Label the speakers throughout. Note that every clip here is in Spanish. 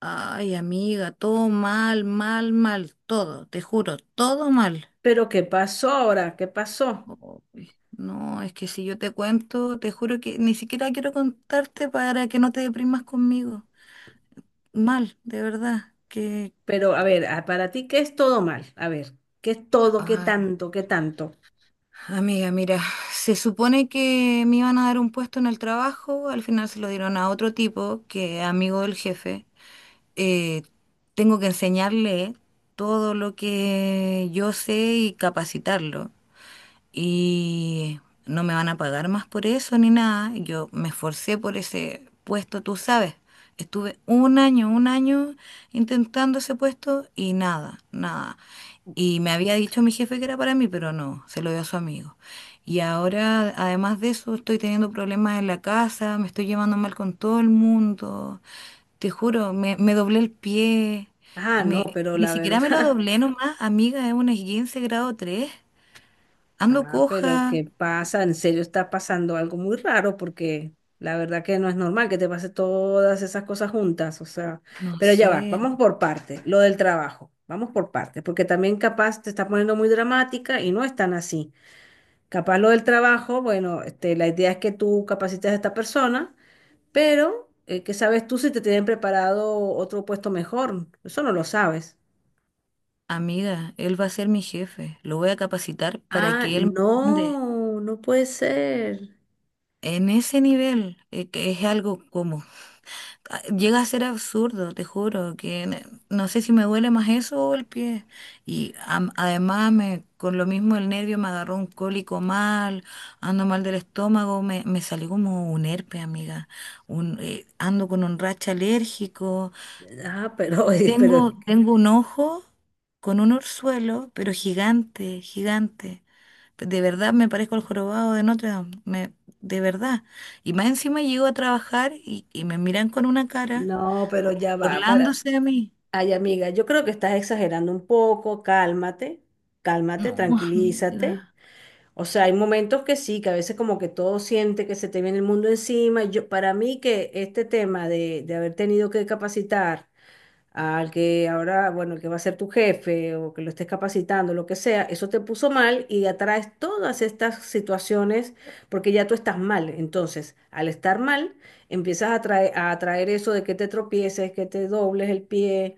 Speaker 1: Ay, amiga, todo mal, mal, mal, todo, te juro, todo mal.
Speaker 2: Pero ¿qué pasó ahora? ¿Qué pasó?
Speaker 1: Uy, no, es que si yo te cuento, te juro que ni siquiera quiero contarte para que no te deprimas conmigo. Mal, de verdad, que...
Speaker 2: Pero a ver, para ti, ¿qué es todo mal? A ver, ¿qué es todo? ¿Qué
Speaker 1: Ay,
Speaker 2: tanto? ¿Qué tanto?
Speaker 1: amiga, mira, se supone que me iban a dar un puesto en el trabajo, al final se lo dieron a otro tipo que es amigo del jefe. Eh, Tengo que enseñarle todo lo que yo sé y capacitarlo. Y no me van a pagar más por eso ni nada. Yo me esforcé por ese puesto, tú sabes. Estuve un año intentando ese puesto y nada, nada. Y me había dicho mi jefe que era para mí, pero no, se lo dio a su amigo. Y ahora, además de eso, estoy teniendo problemas en la casa, me estoy llevando mal con todo el mundo. Te juro, me doblé el pie.
Speaker 2: Ah, no,
Speaker 1: Me,
Speaker 2: pero
Speaker 1: ni
Speaker 2: la
Speaker 1: siquiera me lo
Speaker 2: verdad.
Speaker 1: doblé nomás, amiga, es un esguince grado tres. Ando
Speaker 2: Ah, pero
Speaker 1: coja.
Speaker 2: ¿qué pasa? En serio está pasando algo muy raro porque la verdad que no es normal que te pase todas esas cosas juntas. O sea,
Speaker 1: No
Speaker 2: pero ya va,
Speaker 1: sé,
Speaker 2: vamos por partes. Lo del trabajo. Vamos por partes, porque también capaz te está poniendo muy dramática y no es tan así. Capaz lo del trabajo, bueno, este, la idea es que tú capacites a esta persona. Pero, ¿qué sabes tú si te tienen preparado otro puesto mejor? Eso no lo sabes.
Speaker 1: amiga, él va a ser mi jefe. Lo voy a capacitar para
Speaker 2: Ah,
Speaker 1: que él me mande
Speaker 2: no, no puede ser.
Speaker 1: en ese nivel, que es algo como... Ah, llega a ser absurdo, te juro, no sé si me duele más eso o el pie. Y además, me, con lo mismo el nervio me agarró un cólico mal, ando mal del estómago, me salió como un herpes, amiga. Ando con un racha alérgico.
Speaker 2: Ah, pero, oye, pero es
Speaker 1: Tengo,
Speaker 2: que...
Speaker 1: tengo un ojo con un orzuelo, pero gigante, gigante. De verdad me parezco al jorobado de Notre Dame, de verdad. Y más encima llego a trabajar y me miran con una cara,
Speaker 2: No, pero
Speaker 1: como
Speaker 2: ya va. Para...
Speaker 1: burlándose de mí.
Speaker 2: Ay, amiga, yo creo que estás exagerando un poco. Cálmate, cálmate,
Speaker 1: No,
Speaker 2: tranquilízate.
Speaker 1: amiga.
Speaker 2: O sea, hay momentos que sí, que a veces como que todo siente que se te viene el mundo encima. Y yo, para mí que este tema de haber tenido que capacitar al que ahora, bueno, el que va a ser tu jefe o que lo estés capacitando, lo que sea, eso te puso mal y atraes todas estas situaciones porque ya tú estás mal. Entonces, al estar mal, empiezas a atraer eso de que te tropieces, que te dobles el pie,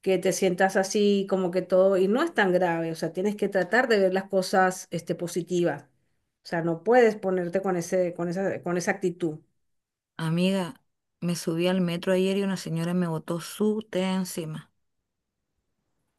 Speaker 2: que te sientas así, como que todo, y no es tan grave, o sea, tienes que tratar de ver las cosas, este, positivas. O sea, no puedes ponerte con ese, con esa actitud.
Speaker 1: Amiga, me subí al metro ayer y una señora me botó su té encima.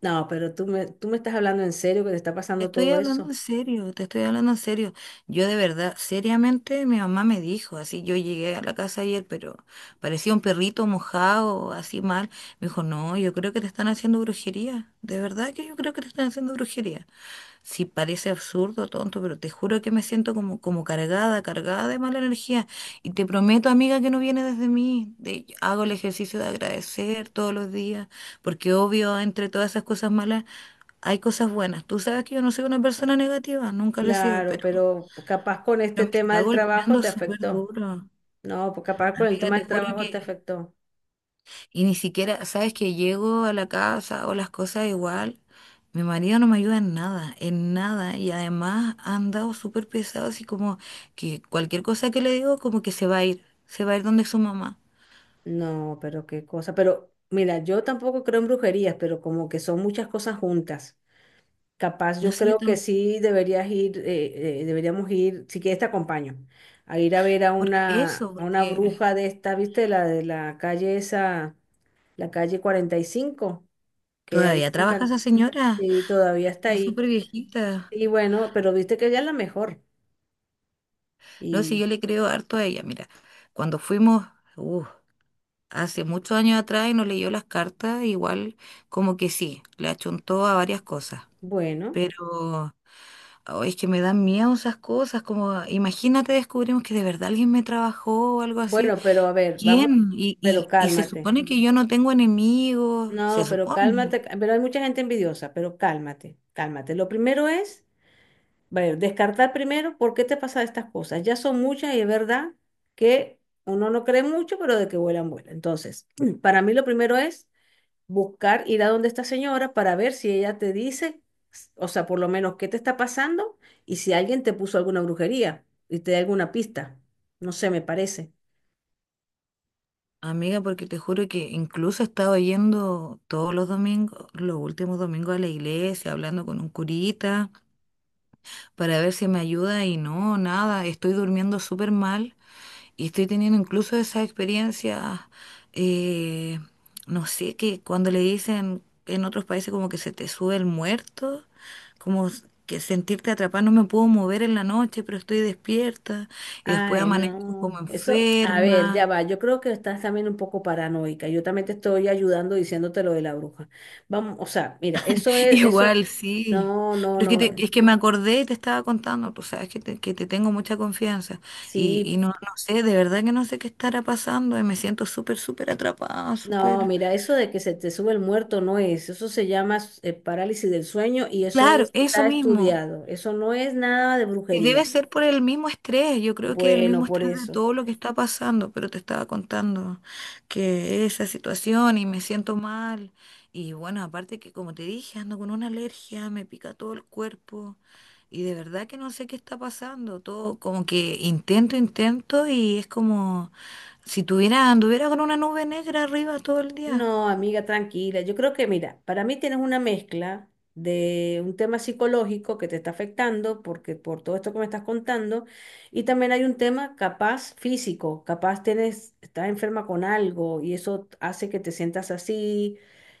Speaker 2: No, pero tú me estás hablando en serio que te está
Speaker 1: Te
Speaker 2: pasando
Speaker 1: estoy
Speaker 2: todo
Speaker 1: hablando
Speaker 2: eso.
Speaker 1: en serio, te estoy hablando en serio. Yo de verdad, seriamente, mi mamá me dijo, así yo llegué a la casa ayer, pero parecía un perrito mojado, así mal. Me dijo, no, yo creo que te están haciendo brujería. De verdad que yo creo que te están haciendo brujería, si parece absurdo, tonto, pero te juro que me siento como, como cargada, cargada de mala energía. Y te prometo, amiga, que no viene desde mí. Hago el ejercicio de agradecer todos los días, porque obvio, entre todas esas cosas malas, hay cosas buenas. Tú sabes que yo no soy una persona negativa, nunca lo he sido,
Speaker 2: Claro, pero capaz con
Speaker 1: pero
Speaker 2: este
Speaker 1: me
Speaker 2: tema
Speaker 1: está
Speaker 2: del trabajo
Speaker 1: golpeando
Speaker 2: te
Speaker 1: súper
Speaker 2: afectó.
Speaker 1: duro.
Speaker 2: No, pues capaz con el
Speaker 1: Amiga,
Speaker 2: tema
Speaker 1: te
Speaker 2: del
Speaker 1: juro
Speaker 2: trabajo te
Speaker 1: que...
Speaker 2: afectó.
Speaker 1: Y ni siquiera, sabes que llego a la casa o las cosas igual, mi marido no me ayuda en nada, en nada. Y además ha andado súper pesado, así como que cualquier cosa que le digo, como que se va a ir, se va a ir donde su mamá.
Speaker 2: No, pero qué cosa. Pero mira, yo tampoco creo en brujerías, pero como que son muchas cosas juntas. Capaz
Speaker 1: No
Speaker 2: yo
Speaker 1: sé, yo
Speaker 2: creo que
Speaker 1: tampoco,
Speaker 2: sí deberías ir, deberíamos ir, si quieres te acompaño, a ir a ver
Speaker 1: porque eso,
Speaker 2: a una
Speaker 1: porque
Speaker 2: bruja de esta, ¿viste? La de la calle esa, la calle 45, que hay
Speaker 1: todavía
Speaker 2: una
Speaker 1: trabaja esa señora,
Speaker 2: cantidad, todavía está
Speaker 1: está
Speaker 2: ahí.
Speaker 1: súper viejita.
Speaker 2: Y bueno, pero viste que ella es la mejor.
Speaker 1: No sé, yo le creo harto a ella, mira, cuando fuimos, uh, hace muchos años atrás y nos leyó las cartas, igual como que sí, le achuntó a varias cosas.
Speaker 2: Bueno,
Speaker 1: Pero... Oh, es que me dan miedo esas cosas, como imagínate descubrimos que de verdad alguien me trabajó o algo así.
Speaker 2: bueno, pero a ver, vamos,
Speaker 1: ¿Quién? Y,
Speaker 2: pero
Speaker 1: y, y se
Speaker 2: cálmate.
Speaker 1: supone que yo no tengo enemigos, se
Speaker 2: No, pero
Speaker 1: supone.
Speaker 2: cálmate, pero hay mucha gente envidiosa, pero cálmate, cálmate. Lo primero es, bueno, descartar primero por qué te pasan estas cosas. Ya son muchas y es verdad que uno no cree mucho, pero de que vuelan, vuelan. Entonces, para mí lo primero es buscar, ir a donde esta señora para ver si ella te dice, o sea, por lo menos qué te está pasando y si alguien te puso alguna brujería y te da alguna pista. No sé, me parece.
Speaker 1: Amiga, porque te juro que incluso he estado yendo todos los domingos, los últimos domingos a la iglesia, hablando con un curita para ver si me ayuda y no, nada, estoy durmiendo súper mal. Y estoy teniendo incluso esas experiencias, eh, no sé, que cuando le dicen en otros países como que se te sube el muerto, como que sentirte atrapada, no me puedo mover en la noche, pero estoy despierta, y después
Speaker 2: Ay,
Speaker 1: amanezco como
Speaker 2: no, eso, a ver, ya
Speaker 1: enferma.
Speaker 2: va, yo creo que estás también un poco paranoica, yo también te estoy ayudando diciéndote lo de la bruja. Vamos, o sea, mira, eso es, eso,
Speaker 1: Igual, sí.
Speaker 2: no, no,
Speaker 1: Pero es
Speaker 2: no,
Speaker 1: que, es que me acordé y te estaba contando, tú sabes que te tengo mucha confianza
Speaker 2: sí,
Speaker 1: y no, no sé, de verdad que no sé qué estará pasando y me siento súper, súper atrapada,
Speaker 2: no,
Speaker 1: súper...
Speaker 2: mira, eso de que se te sube el muerto no es, eso se llama parálisis del sueño y eso
Speaker 1: Claro,
Speaker 2: es...
Speaker 1: eso
Speaker 2: está
Speaker 1: mismo.
Speaker 2: estudiado, eso no es nada de
Speaker 1: Y debe
Speaker 2: brujería.
Speaker 1: ser por el mismo estrés, yo creo que el
Speaker 2: Bueno,
Speaker 1: mismo
Speaker 2: por
Speaker 1: estrés de
Speaker 2: eso.
Speaker 1: todo lo que está pasando, pero te estaba contando que esa situación y me siento mal. Y bueno, aparte que como te dije, ando con una alergia, me pica todo el cuerpo y de verdad que no sé qué está pasando, todo como que intento, intento y es como si tuviera, anduviera con una nube negra arriba todo el día.
Speaker 2: No, amiga, tranquila. Yo creo que, mira, para mí tienes una mezcla de un tema psicológico que te está afectando porque por todo esto que me estás contando, y también hay un tema capaz físico, capaz tienes, estás enferma con algo y eso hace que te sientas así,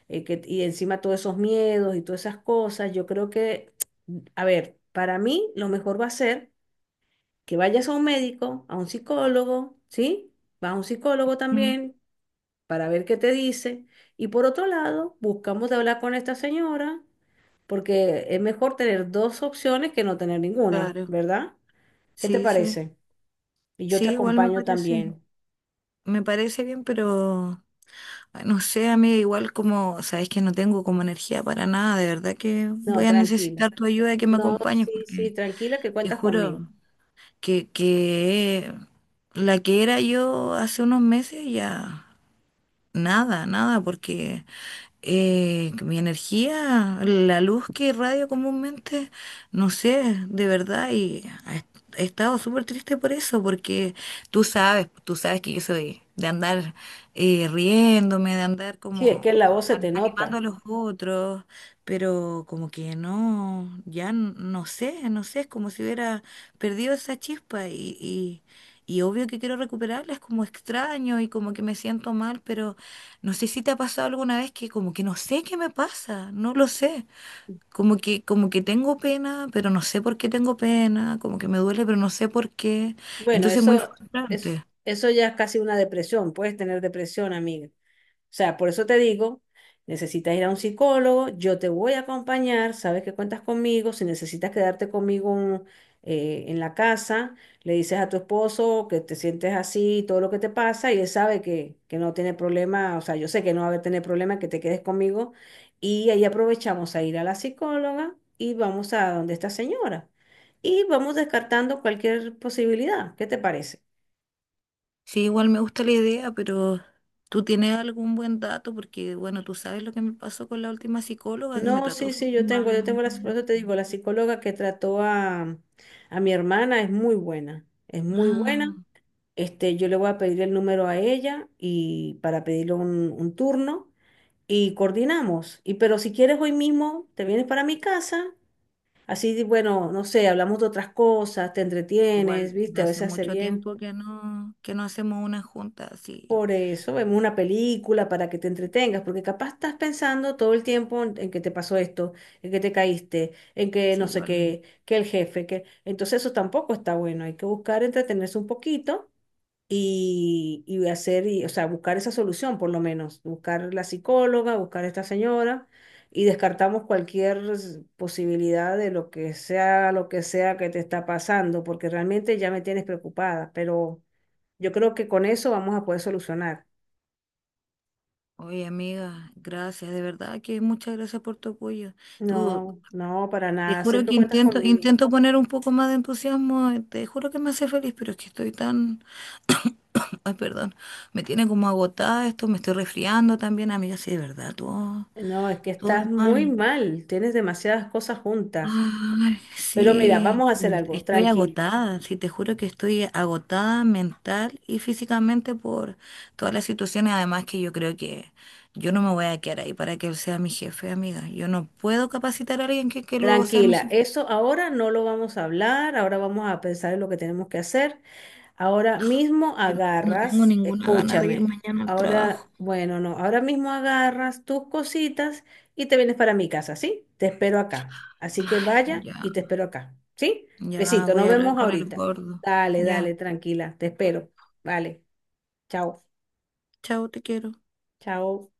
Speaker 2: que, y encima todos esos miedos y todas esas cosas. Yo creo que, a ver, para mí lo mejor va a ser que vayas a un médico, a un psicólogo, ¿sí? Vas a un psicólogo
Speaker 1: Mm.
Speaker 2: también para ver qué te dice. Y por otro lado, buscamos de hablar con esta señora, porque es mejor tener dos opciones que no tener ninguna,
Speaker 1: Claro,
Speaker 2: ¿verdad? ¿Qué te
Speaker 1: sí, sí,
Speaker 2: parece? Y yo te
Speaker 1: sí, igual
Speaker 2: acompaño también.
Speaker 1: me parece bien, pero... Ay, no sé, amiga, igual como, sabes que no tengo como energía para nada, de verdad que
Speaker 2: No,
Speaker 1: voy a
Speaker 2: tranquila.
Speaker 1: necesitar tu ayuda y que me
Speaker 2: No,
Speaker 1: acompañes,
Speaker 2: sí, sí,
Speaker 1: porque
Speaker 2: tranquila que
Speaker 1: te
Speaker 2: cuentas conmigo.
Speaker 1: juro que la que era yo hace unos meses ya nada, nada, porque que mi energía, la luz que irradio comúnmente, no sé, de verdad, y ha he estado súper triste por eso, porque tú sabes que yo soy de andar riéndome, de andar
Speaker 2: Sí, es
Speaker 1: como
Speaker 2: que en la voz se te
Speaker 1: animando a
Speaker 2: nota.
Speaker 1: los otros, pero como que no, ya no sé, no sé, es como si hubiera perdido esa chispa y obvio que quiero recuperarla, es como extraño y como que me siento mal, pero... No sé si te ha pasado alguna vez que como que no sé qué me pasa, no lo sé. Como que tengo pena, pero no sé por qué tengo pena, como que me duele, pero no sé por qué.
Speaker 2: Bueno,
Speaker 1: Entonces es muy
Speaker 2: eso es,
Speaker 1: frustrante.
Speaker 2: eso ya es casi una depresión. Puedes tener depresión, amiga. O sea, por eso te digo, necesitas ir a un psicólogo, yo te voy a acompañar, sabes que cuentas conmigo, si necesitas quedarte conmigo en la casa, le dices a tu esposo que te sientes así, todo lo que te pasa, y él sabe que no tiene problema, o sea, yo sé que no va a tener problema que te quedes conmigo, y ahí aprovechamos a ir a la psicóloga y vamos a donde esta señora. Y vamos descartando cualquier posibilidad. ¿Qué te parece?
Speaker 1: Sí, igual me gusta la idea, pero tú tienes algún buen dato, porque bueno, tú sabes lo que me pasó con la última psicóloga que me
Speaker 2: No,
Speaker 1: trató
Speaker 2: sí, sí,
Speaker 1: súper
Speaker 2: yo
Speaker 1: mal
Speaker 2: tengo,
Speaker 1: en
Speaker 2: yo
Speaker 1: un
Speaker 2: tengo la, por
Speaker 1: momento.
Speaker 2: eso te digo, la psicóloga que trató a mi hermana es muy buena, es muy
Speaker 1: Ah,
Speaker 2: buena. Este, yo le voy a pedir el número a ella y para pedirle un turno y coordinamos. Y pero si quieres hoy mismo, te vienes para mi casa, así, bueno, no sé, hablamos de otras cosas, te entretienes,
Speaker 1: igual de
Speaker 2: viste, a
Speaker 1: hace
Speaker 2: veces hace
Speaker 1: mucho
Speaker 2: bien.
Speaker 1: tiempo que no hacemos una junta, sí,
Speaker 2: Por eso vemos una película para que te entretengas, porque capaz estás pensando todo el tiempo en que te pasó esto, en que te caíste, en que
Speaker 1: sí,
Speaker 2: no sé
Speaker 1: igual.
Speaker 2: qué, que el jefe, que... Entonces eso tampoco está bueno, hay que buscar entretenerse un poquito y hacer, y, o sea, buscar esa solución por lo menos, buscar la psicóloga, buscar a esta señora y descartamos cualquier posibilidad de lo que sea que te está pasando, porque realmente ya me tienes preocupada, pero yo creo que con eso vamos a poder solucionar.
Speaker 1: Oye, amiga, gracias, de verdad que muchas gracias por tu apoyo. Tú,
Speaker 2: No, no, para
Speaker 1: te
Speaker 2: nada.
Speaker 1: juro
Speaker 2: Siempre
Speaker 1: que
Speaker 2: cuentas
Speaker 1: intento,
Speaker 2: conmigo.
Speaker 1: intento poner un poco más de entusiasmo, te juro que me hace feliz, pero es que estoy tan, ay, perdón, me tiene como agotada esto, me estoy resfriando también, amiga, sí, de verdad, todo,
Speaker 2: No, es que
Speaker 1: todo
Speaker 2: estás muy
Speaker 1: mal.
Speaker 2: mal. Tienes demasiadas cosas juntas.
Speaker 1: Ay,
Speaker 2: Pero mira, vamos
Speaker 1: sí,
Speaker 2: a
Speaker 1: yo
Speaker 2: hacer algo.
Speaker 1: estoy agotada, sí, te juro que estoy agotada mental y físicamente por todas las situaciones, además que yo creo que yo no me voy a quedar ahí para que él sea mi jefe, amiga. Yo no puedo capacitar a alguien que luego sea mi
Speaker 2: Tranquila.
Speaker 1: jefe.
Speaker 2: Eso ahora no lo vamos a hablar. Ahora vamos a pensar en lo que tenemos que hacer. Ahora mismo
Speaker 1: Yo no tengo
Speaker 2: agarras,
Speaker 1: ninguna gana de ir
Speaker 2: escúchame,
Speaker 1: mañana al
Speaker 2: ahora,
Speaker 1: trabajo.
Speaker 2: bueno, no, ahora mismo agarras tus cositas y te vienes para mi casa, ¿sí? Te espero acá. Así que
Speaker 1: Ay,
Speaker 2: vaya
Speaker 1: ya,
Speaker 2: y te espero acá, ¿sí?
Speaker 1: ya
Speaker 2: Besito, nos
Speaker 1: voy a hablar
Speaker 2: vemos
Speaker 1: con el
Speaker 2: ahorita.
Speaker 1: gordo.
Speaker 2: Dale,
Speaker 1: Ya,
Speaker 2: dale, tranquila, te espero. Vale, chao,
Speaker 1: chao, te quiero.
Speaker 2: chao.